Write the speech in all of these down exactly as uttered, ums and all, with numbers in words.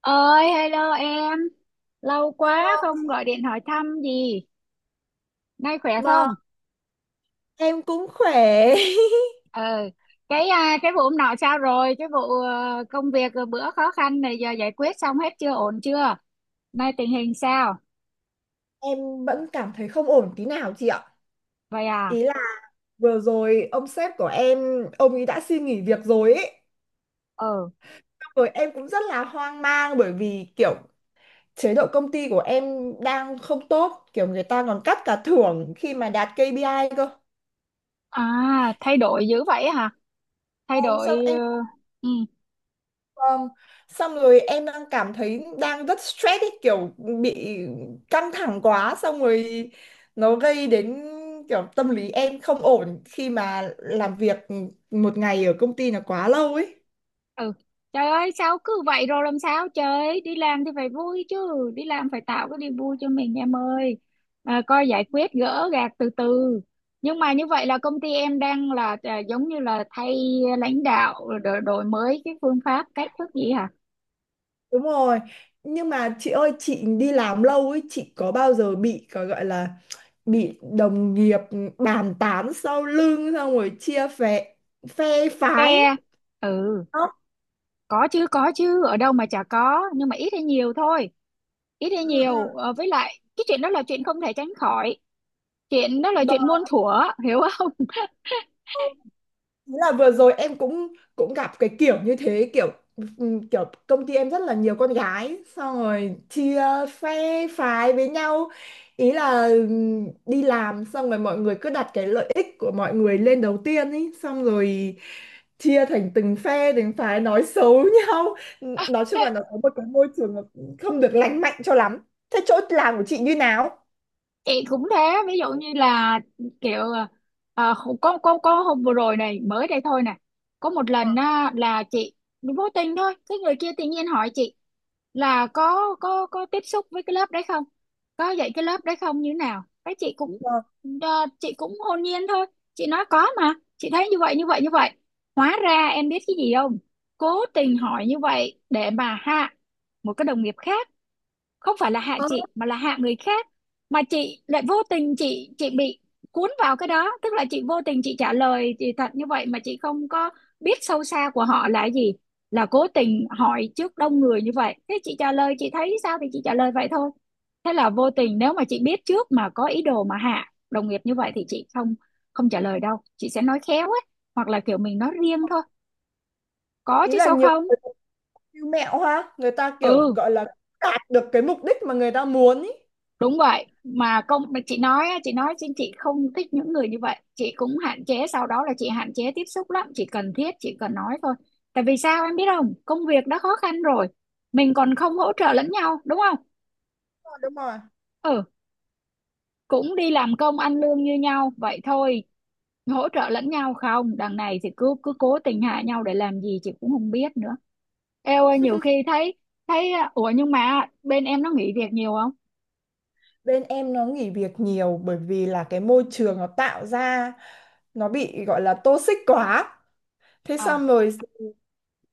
Ơi, hello em, lâu quá không gọi điện hỏi thăm gì. Nay khỏe Vâng, không? em cũng khỏe. ờ cái à, cái vụ hôm nọ sao rồi? Cái vụ ờ, công việc ờ, bữa khó khăn này giờ giải quyết xong hết chưa, ổn chưa? Nay tình hình sao? Em vẫn cảm thấy không ổn tí nào chị ạ. Vậy à. Ý là vừa rồi ông sếp của em, ông ấy đã xin nghỉ việc rồi ấy. ờ Xong rồi em cũng rất là hoang mang, bởi vì kiểu chế độ công ty của em đang không tốt. Kiểu người ta còn cắt cả thưởng khi mà đạt kê pi ai cơ. À thay đổi dữ vậy hả? Thay Ờ, Xong đổi ờ, em ừ. Vâng. Xong rồi em đang cảm thấy đang rất stress ấy, kiểu bị căng thẳng quá, xong rồi nó gây đến kiểu tâm lý em không ổn khi mà làm việc một ngày ở công ty là quá lâu ấy. Ừ, trời ơi sao cứ vậy, rồi làm sao trời, đi làm thì phải vui chứ, đi làm phải tạo cái niềm vui cho mình em ơi. À, coi giải quyết gỡ gạc từ từ. Nhưng mà như vậy là công ty em đang là à, giống như là thay lãnh đạo, đổi, đổi mới cái phương pháp cách thức gì hả? Đúng rồi. Nhưng mà chị ơi, chị đi làm lâu ấy, chị có bao giờ bị có gọi là bị đồng nghiệp bàn tán sau lưng, xong rồi chia phe phe Phe. phái. Ừ. Đó. Có chứ, có chứ, ở đâu mà chả có, nhưng mà ít hay nhiều thôi. Ít hay Ừ, ừ. nhiều. Ờ, với lại cái chuyện đó là chuyện không thể tránh khỏi, chuyện đó là chuyện muôn thuở, hiểu không? Thế là vừa rồi em cũng cũng gặp cái kiểu như thế, kiểu ừm, kiểu công ty em rất là nhiều con gái, xong rồi chia phe phái với nhau. Ý là ừm, đi làm xong rồi mọi người cứ đặt cái lợi ích của mọi người lên đầu tiên ý, xong rồi chia thành từng phe từng phái, nói xấu nhau. Nói chung là nó có một cái môi trường nó không được lành mạnh cho lắm. Thế chỗ làm của chị như nào? Chị cũng thế. Ví dụ như là kiểu à, có có có hôm vừa rồi này, mới đây thôi nè, có một lần á, là chị vô tình thôi, cái người kia tự nhiên hỏi chị là có có có tiếp xúc với cái lớp đấy không, có dạy cái lớp đấy không, như thế nào. Cái chị cũng Ờ. à, chị cũng hồn nhiên thôi, chị nói có, mà chị thấy như vậy như vậy như vậy. Hóa ra em biết cái gì không, cố tình hỏi như vậy để mà hạ một cái đồng nghiệp khác, không phải là hạ Ờ, chị mà là hạ người khác. Mà chị lại vô tình, chị chị bị cuốn vào cái đó, tức là chị vô tình chị trả lời thì thật như vậy, mà chị không có biết sâu xa của họ là gì, là cố tình hỏi trước đông người như vậy. Thế chị trả lời, chị thấy sao thì chị trả lời vậy thôi. Thế là vô tình, nếu mà chị biết trước mà có ý đồ mà hạ đồng nghiệp như vậy thì chị không, không trả lời đâu, chị sẽ nói khéo ấy, hoặc là kiểu mình nói riêng thôi. Có ý chứ là sao nhiều. không. Siêu mẹo ha, người ta kiểu Ừ, gọi là đạt được cái mục đích mà người ta muốn ý. đúng vậy. Mà công mà chị nói á, chị nói xin, chị không thích những người như vậy, chị cũng hạn chế, sau đó là chị hạn chế tiếp xúc lắm, chỉ cần thiết chỉ cần nói thôi. Tại vì sao em biết không, công việc đã khó khăn rồi, mình còn không hỗ trợ lẫn nhau đúng không. Đúng rồi, đúng rồi. Ừ, cũng đi làm công ăn lương như nhau vậy thôi, hỗ trợ lẫn nhau không, đằng này thì cứ cứ cố tình hạ nhau để làm gì chị cũng không biết nữa. Eo ơi, nhiều khi thấy, thấy à, ủa, nhưng mà bên em nó nghỉ việc nhiều không? Bên em nó nghỉ việc nhiều, bởi vì là cái môi trường nó tạo ra nó bị gọi là toxic quá. Thế xong À, rồi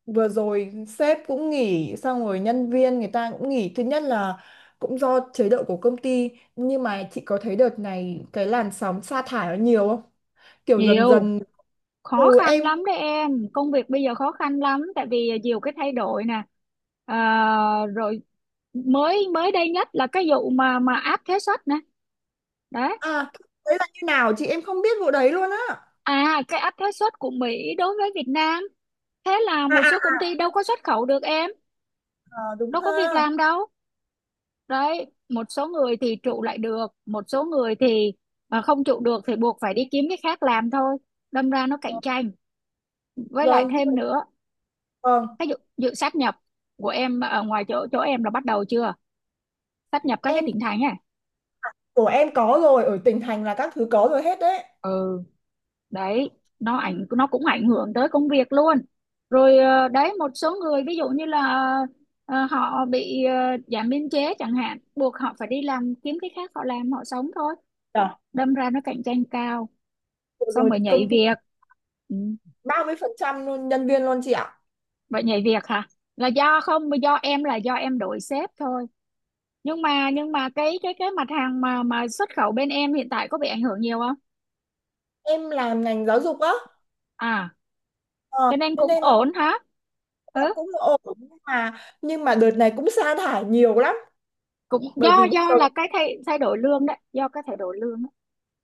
vừa rồi sếp cũng nghỉ, xong rồi nhân viên người ta cũng nghỉ. Thứ nhất là cũng do chế độ của công ty. Nhưng mà chị có thấy đợt này cái làn sóng sa thải nó nhiều không? Kiểu dần nhiều. dần. Ừ Khó khăn em. lắm đấy em, công việc bây giờ khó khăn lắm, tại vì nhiều cái thay đổi nè. À, rồi mới mới đây nhất là cái vụ mà mà áp thuế suất nè. Đấy. À, đấy là như nào chị, em không biết vụ đấy luôn á. À, cái áp thuế suất của Mỹ đối với Việt Nam, thế là một À. số công ty đâu có xuất khẩu được em, Ờ, đúng đâu ha. có việc làm đâu. Đấy, một số người thì trụ lại được, một số người thì à, không trụ được thì buộc phải đi kiếm cái khác làm thôi, đâm ra nó cạnh tranh. Với lại Vâng, nhưng thêm mà- nữa, vâng. cái dự, dự sát nhập của em ở ngoài chỗ chỗ em là bắt đầu chưa, sáp nhập các cái Em tỉnh thành ấy. của em có rồi, ở tỉnh thành là các thứ có rồi hết đấy. Ừ, đấy, nó ảnh nó cũng ảnh hưởng tới công việc luôn. Rồi ờ, đấy, một số người ví dụ như là ờ, họ bị ờ, giảm biên chế chẳng hạn, buộc họ phải đi làm kiếm cái khác họ làm họ sống thôi. Rồi. Đâm ra nó cạnh tranh cao, Vừa xong rồi rồi nhảy công ty việc. Ừ. ba mươi phần trăm luôn, nhân viên luôn chị ạ. Vậy nhảy việc hả, là do không, do em, là do em đổi sếp thôi. Nhưng mà, nhưng mà cái cái cái mặt hàng mà mà xuất khẩu bên em hiện tại có bị ảnh hưởng nhiều không? Em làm ngành giáo dục á. À, Ờ, cho nên cho cũng nên là ổn hả. Ừ, cũng ổn, nhưng mà nhưng mà đợt này cũng sa thải nhiều lắm, cũng bởi do vì bây giờ do là cái thay thay đổi lương đấy, do cái thay đổi lương đó.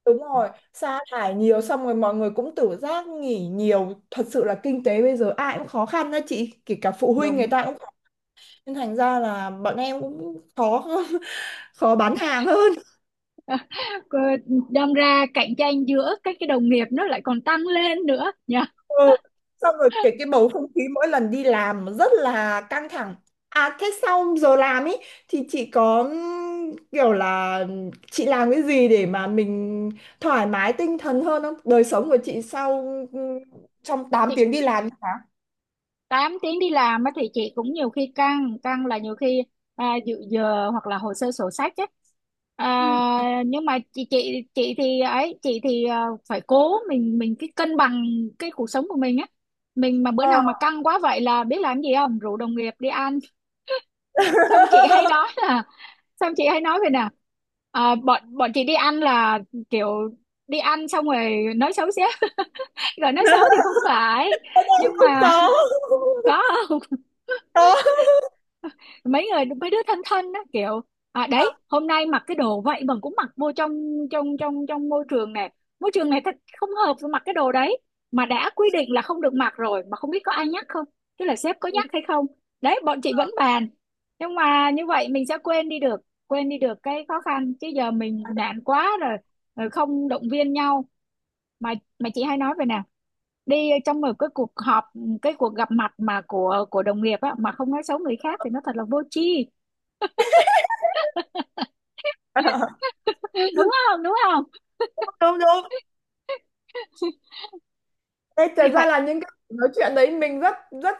đúng rồi, sa thải nhiều xong rồi mọi người cũng tự giác nghỉ nhiều, thật sự là kinh tế bây giờ ai cũng khó khăn đó chị, kể cả phụ huynh người Đúng. ta cũng khó khăn. Nên thành ra là bọn em cũng khó khó bán hàng hơn. Cô- đâm ra cạnh tranh giữa các cái đồng nghiệp nó lại còn tăng lên nữa nha. Ừ. Xong rồi cái cái bầu không khí mỗi lần đi làm nó rất là căng thẳng. À thế sau giờ làm ấy thì chị có ừm, kiểu là chị làm cái gì để mà mình thoải mái tinh thần hơn không? Đời sống của chị sau ừm, trong tám Chị tiếng đi làm hả? tám tiếng đi làm á thì chị cũng nhiều khi căng, căng là nhiều khi à, dự giờ hoặc là hồ sơ sổ sách ấy, Ừ. à, nhưng mà chị chị chị thì ấy, chị thì à, phải cố mình mình cái cân bằng cái cuộc sống của mình á. Mình mà bữa Ờ. nào mà căng quá vậy là biết làm gì không, rủ đồng nghiệp đi ăn. Xong chị hay nói là, xong chị hay nói vậy nè, à, bọn bọn chị đi ăn là kiểu đi ăn xong rồi nói xấu xí. Rồi nói xấu thì không phải, Không nhưng mà có. có không? Có. Mấy người mấy đứa thân thân đó kiểu à, đấy hôm nay mặc cái đồ vậy mà cũng mặc vô trong, trong trong trong môi trường này, môi trường này thật không hợp với mặc cái đồ đấy, mà đã quy định là không được mặc rồi, mà không biết có ai nhắc không, tức là sếp có nhắc hay không. Đấy, bọn chị vẫn bàn, nhưng mà như vậy mình sẽ quên đi được, quên đi được cái khó khăn, chứ giờ mình nản quá rồi, rồi không động viên nhau. mà mà chị hay nói về nè, đi trong một cái cuộc họp, cái cuộc gặp mặt mà của của đồng nghiệp á mà không nói xấu người khác thì nó thật là vô tri, Ừ. đúng không, đúng không? Đúng đúng. Đây Thì thật ra phải là những cái nói chuyện đấy mình rất rất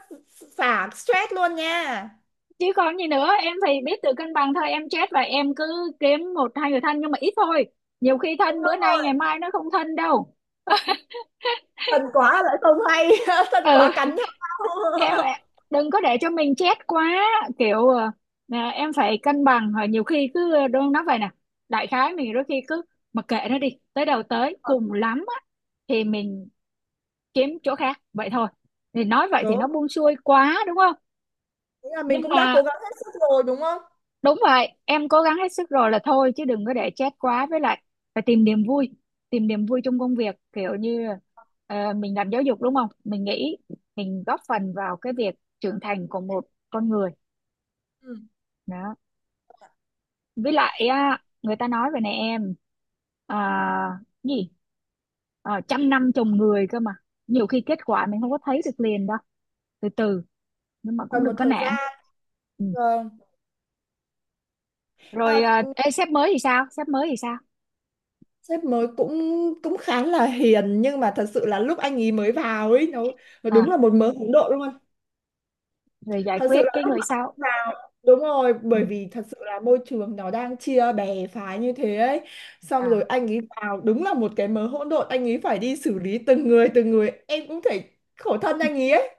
xả stress luôn nha. chứ, còn gì nữa. Em thì biết tự cân bằng thôi em, chết, và em cứ kiếm một hai người thân, nhưng mà ít thôi, nhiều khi thân bữa nay ngày mai nó không thân đâu. Tình quả lại không hay tình quả Ừ, cạnh nhau em em- đừng có để cho mình chết quá, kiểu ờ, à, em phải cân bằng. Rồi nhiều khi cứ ờ, đôi nói vậy nè, đại khái mình đôi khi cứ mặc kệ nó, đi tới đâu tới, cùng lắm á thì mình kiếm chỗ khác vậy thôi. Thì nói vậy thì nó đúng, buông xuôi quá đúng không, nghĩa là mình nhưng cũng đã mà cố gắng hết sức rồi, đúng không? đúng vậy. Em cố gắng hết sức rồi là thôi, chứ đừng có để chết quá, với lại phải tìm niềm vui, tìm niềm vui trong công việc. Kiểu như ờ, mình làm giáo dục đúng không, mình nghĩ mình góp phần vào cái việc trưởng thành của một con người, Ừ. đó. Với lại á, người ta nói về này em, à, gì Ờ, trăm năm trồng người cơ mà, nhiều khi kết quả mình không có thấy được liền đâu, từ từ, nhưng mà cũng Còn một đừng có thời nản. gian. Ừ. Vâng. Rồi à, à, ê, sếp mới thì sao, sếp mới thì sao? sếp mới cũng cũng khá là hiền, nhưng mà thật sự là lúc anh ấy mới vào ấy, nó nó đúng À, là một mớ hỗn độn luôn. rồi giải Thật sự quyết là cái lúc người mà sau. anh vào đúng rồi, Ừ. bởi vì thật sự là môi trường nó đang chia bè phái như thế ấy, xong rồi À. anh ấy vào đúng là một cái mớ hỗn độn, anh ấy phải đi xử lý từng người từng người, em cũng thể khổ thân anh ấy ấy.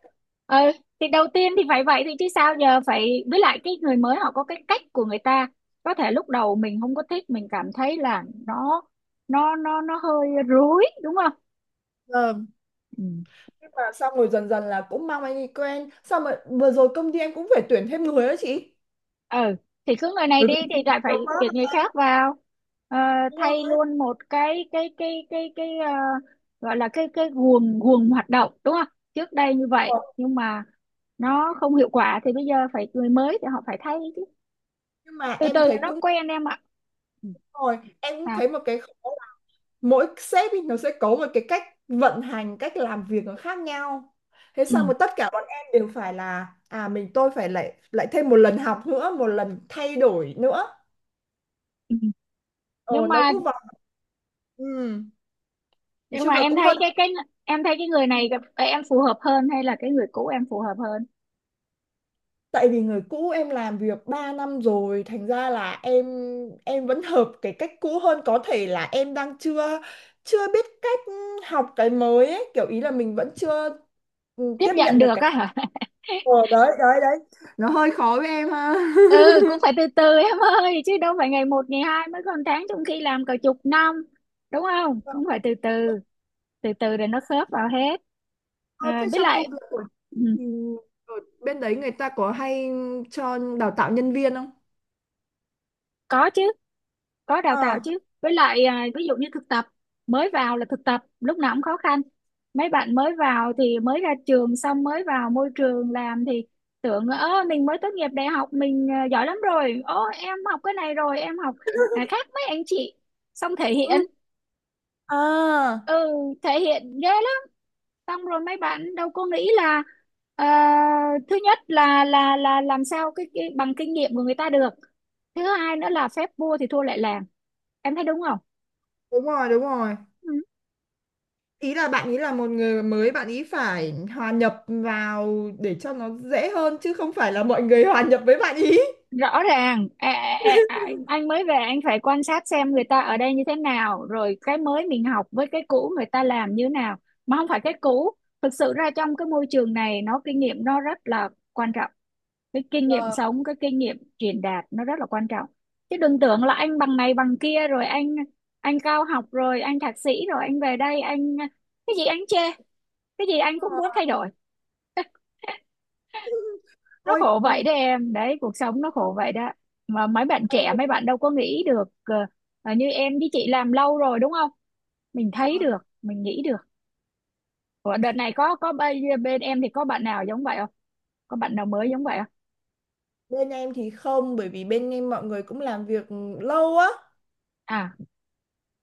Ờ, thì đầu tiên thì phải vậy thì chứ sao giờ, phải, với lại cái người mới họ có cái cách của người ta, có thể lúc đầu mình không có thích, mình cảm thấy là nó nó nó nó hơi rối đúng không. Ờ. Ừ. Nhưng mà xong rồi dần dần là cũng mang anh đi quen, xong rồi vừa rồi công ty em cũng phải tuyển thêm người đó chị, Ừ, thì cứ người này bởi đi vì thì lại nhiều phải quá tuyển người khác vào. Ờ, đúng thay không? luôn một cái cái cái cái cái ờ, gọi là cái cái guồng guồng hoạt động đúng không. Trước đây như vậy, Ờ, nhưng mà nó không hiệu quả thì bây giờ phải người mới thì họ phải thay chứ. nhưng mà Từ em từ thấy nó cũng, quen em ạ. Ừ. rồi em cũng À, thấy một cái khó là mỗi sếp ý nó sẽ có một cái cách vận hành, cách làm việc nó khác nhau. Thế ừ. xong rồi tất cả bọn em đều phải là à mình tôi phải lại lại thêm một lần học nữa, một lần thay đổi nữa. Ừ. ờ nhưng nó mà cứ vào. Ừ. Nói nhưng mà chung là em cũng hơi, thấy cái cái em thấy cái người này gặp- em phù hợp hơn hay là cái người cũ em phù hợp hơn? tại vì người cũ em làm việc ba năm rồi, thành ra là em em vẫn hợp cái cách cũ hơn, có thể là em đang chưa chưa biết cách học cái mới ấy. Kiểu ý là mình vẫn chưa ừ, Tiếp tiếp nhận nhận được được cái. á hả. Ờ, đấy đấy đấy, nó hơi khó với em ha. Ừ, cũng phải từ từ em ơi, chứ đâu phải ngày một ngày hai, mới còn tháng trong khi làm cả chục năm, đúng không, cũng phải từ từ, từ từ rồi nó khớp vào hết. Ờ, À, thế với trong công lại việc của chị ừ, thì ở bên đấy người ta có hay cho đào tạo nhân viên không? có chứ, có đào tạo Ờ. chứ, với lại à, ví dụ như thực tập, mới vào là thực tập lúc nào cũng khó khăn. Mấy bạn mới vào thì mới ra trường xong mới vào môi trường làm thì tưởng, ơ mình mới tốt nghiệp đại học mình à, giỏi lắm rồi, ô em học cái này rồi em học à, khác mấy anh chị, xong thể hiện. Ừ. À, Ừ, thể hiện ghê lắm. Xong rồi mấy bạn đâu có nghĩ là ờ, thứ nhất là là là làm sao cái, cái bằng kinh nghiệm của người ta được. Thứ hai nữa là phép vua thì thua lại làng, em thấy đúng không. đúng rồi, đúng rồi. Ừ. Ý là bạn ý là một người mới, bạn ý phải hòa nhập vào để cho nó dễ hơn, chứ không phải là mọi người hòa nhập với bạn ý. Rõ ràng à, à, à, à, anh mới về anh phải quan sát xem người ta ở đây như thế nào, rồi cái mới mình học với cái cũ người ta làm như thế nào, mà không phải cái cũ. Thực sự ra trong cái môi trường này nó kinh nghiệm nó rất là quan trọng, cái kinh nghiệm Ờ, sống, cái kinh nghiệm truyền đạt nó rất là quan trọng, chứ đừng tưởng là anh bằng này bằng kia rồi anh anh cao học rồi anh thạc sĩ rồi anh về đây anh cái gì anh chê, cái gì anh đúng cũng rồi. muốn thay đổi. Nó Ôi khổ ừ, vậy đấy em, đấy cuộc sống nó khổ vậy đó, mà mấy bạn hay trẻ mấy bạn đâu có nghĩ được. ờ, ờ, Như em với chị làm lâu rồi đúng không, mình thấy quá. được, mình nghĩ được. Ủa, đợt này có có bên, bên em thì có bạn nào giống vậy không, có bạn nào mới giống vậy không? Bên em thì không, bởi vì bên em mọi người cũng làm việc lâu á, À.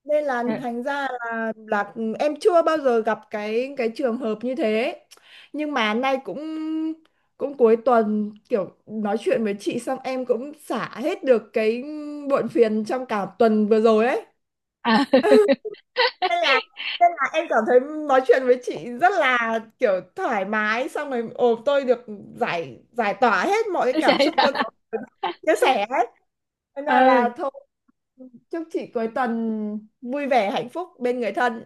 nên là Ờ. thành ra là là em chưa bao giờ gặp cái cái trường hợp như thế. Nhưng mà nay cũng cũng cuối tuần, kiểu nói chuyện với chị xong em cũng xả hết được cái muộn phiền trong cả tuần vừa rồi ấy, À. nên là nên là em cảm thấy nói chuyện với chị rất là kiểu thoải mái, xong rồi ồ tôi được giải giải tỏa hết mọi cái cảm Đấy xúc đó. tôi có, chia sẻ hết. Nên là, Ừ. là thôi, chúc chị cuối tuần vui vẻ hạnh phúc bên người thân.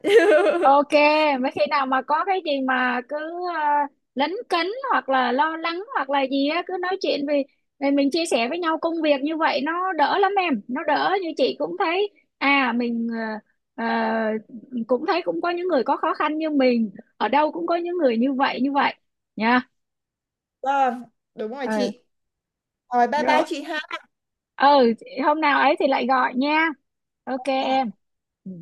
Ok, mấy khi nào mà có cái gì mà cứ uh, lấn cấn hoặc là lo lắng hoặc là gì á cứ nói chuyện, vì vì mình chia sẻ với nhau công việc như vậy nó đỡ lắm em, nó đỡ, như chị cũng thấy à mình ờ, ờ, cũng thấy, cũng có những người có khó khăn như mình, ở đâu cũng có những người như vậy như vậy nha. Vâng, đúng rồi Ừ, chị, rồi bye bye rồi. chị ha. Ừ, hôm nào ấy thì lại gọi nha. Ok em. Ừ.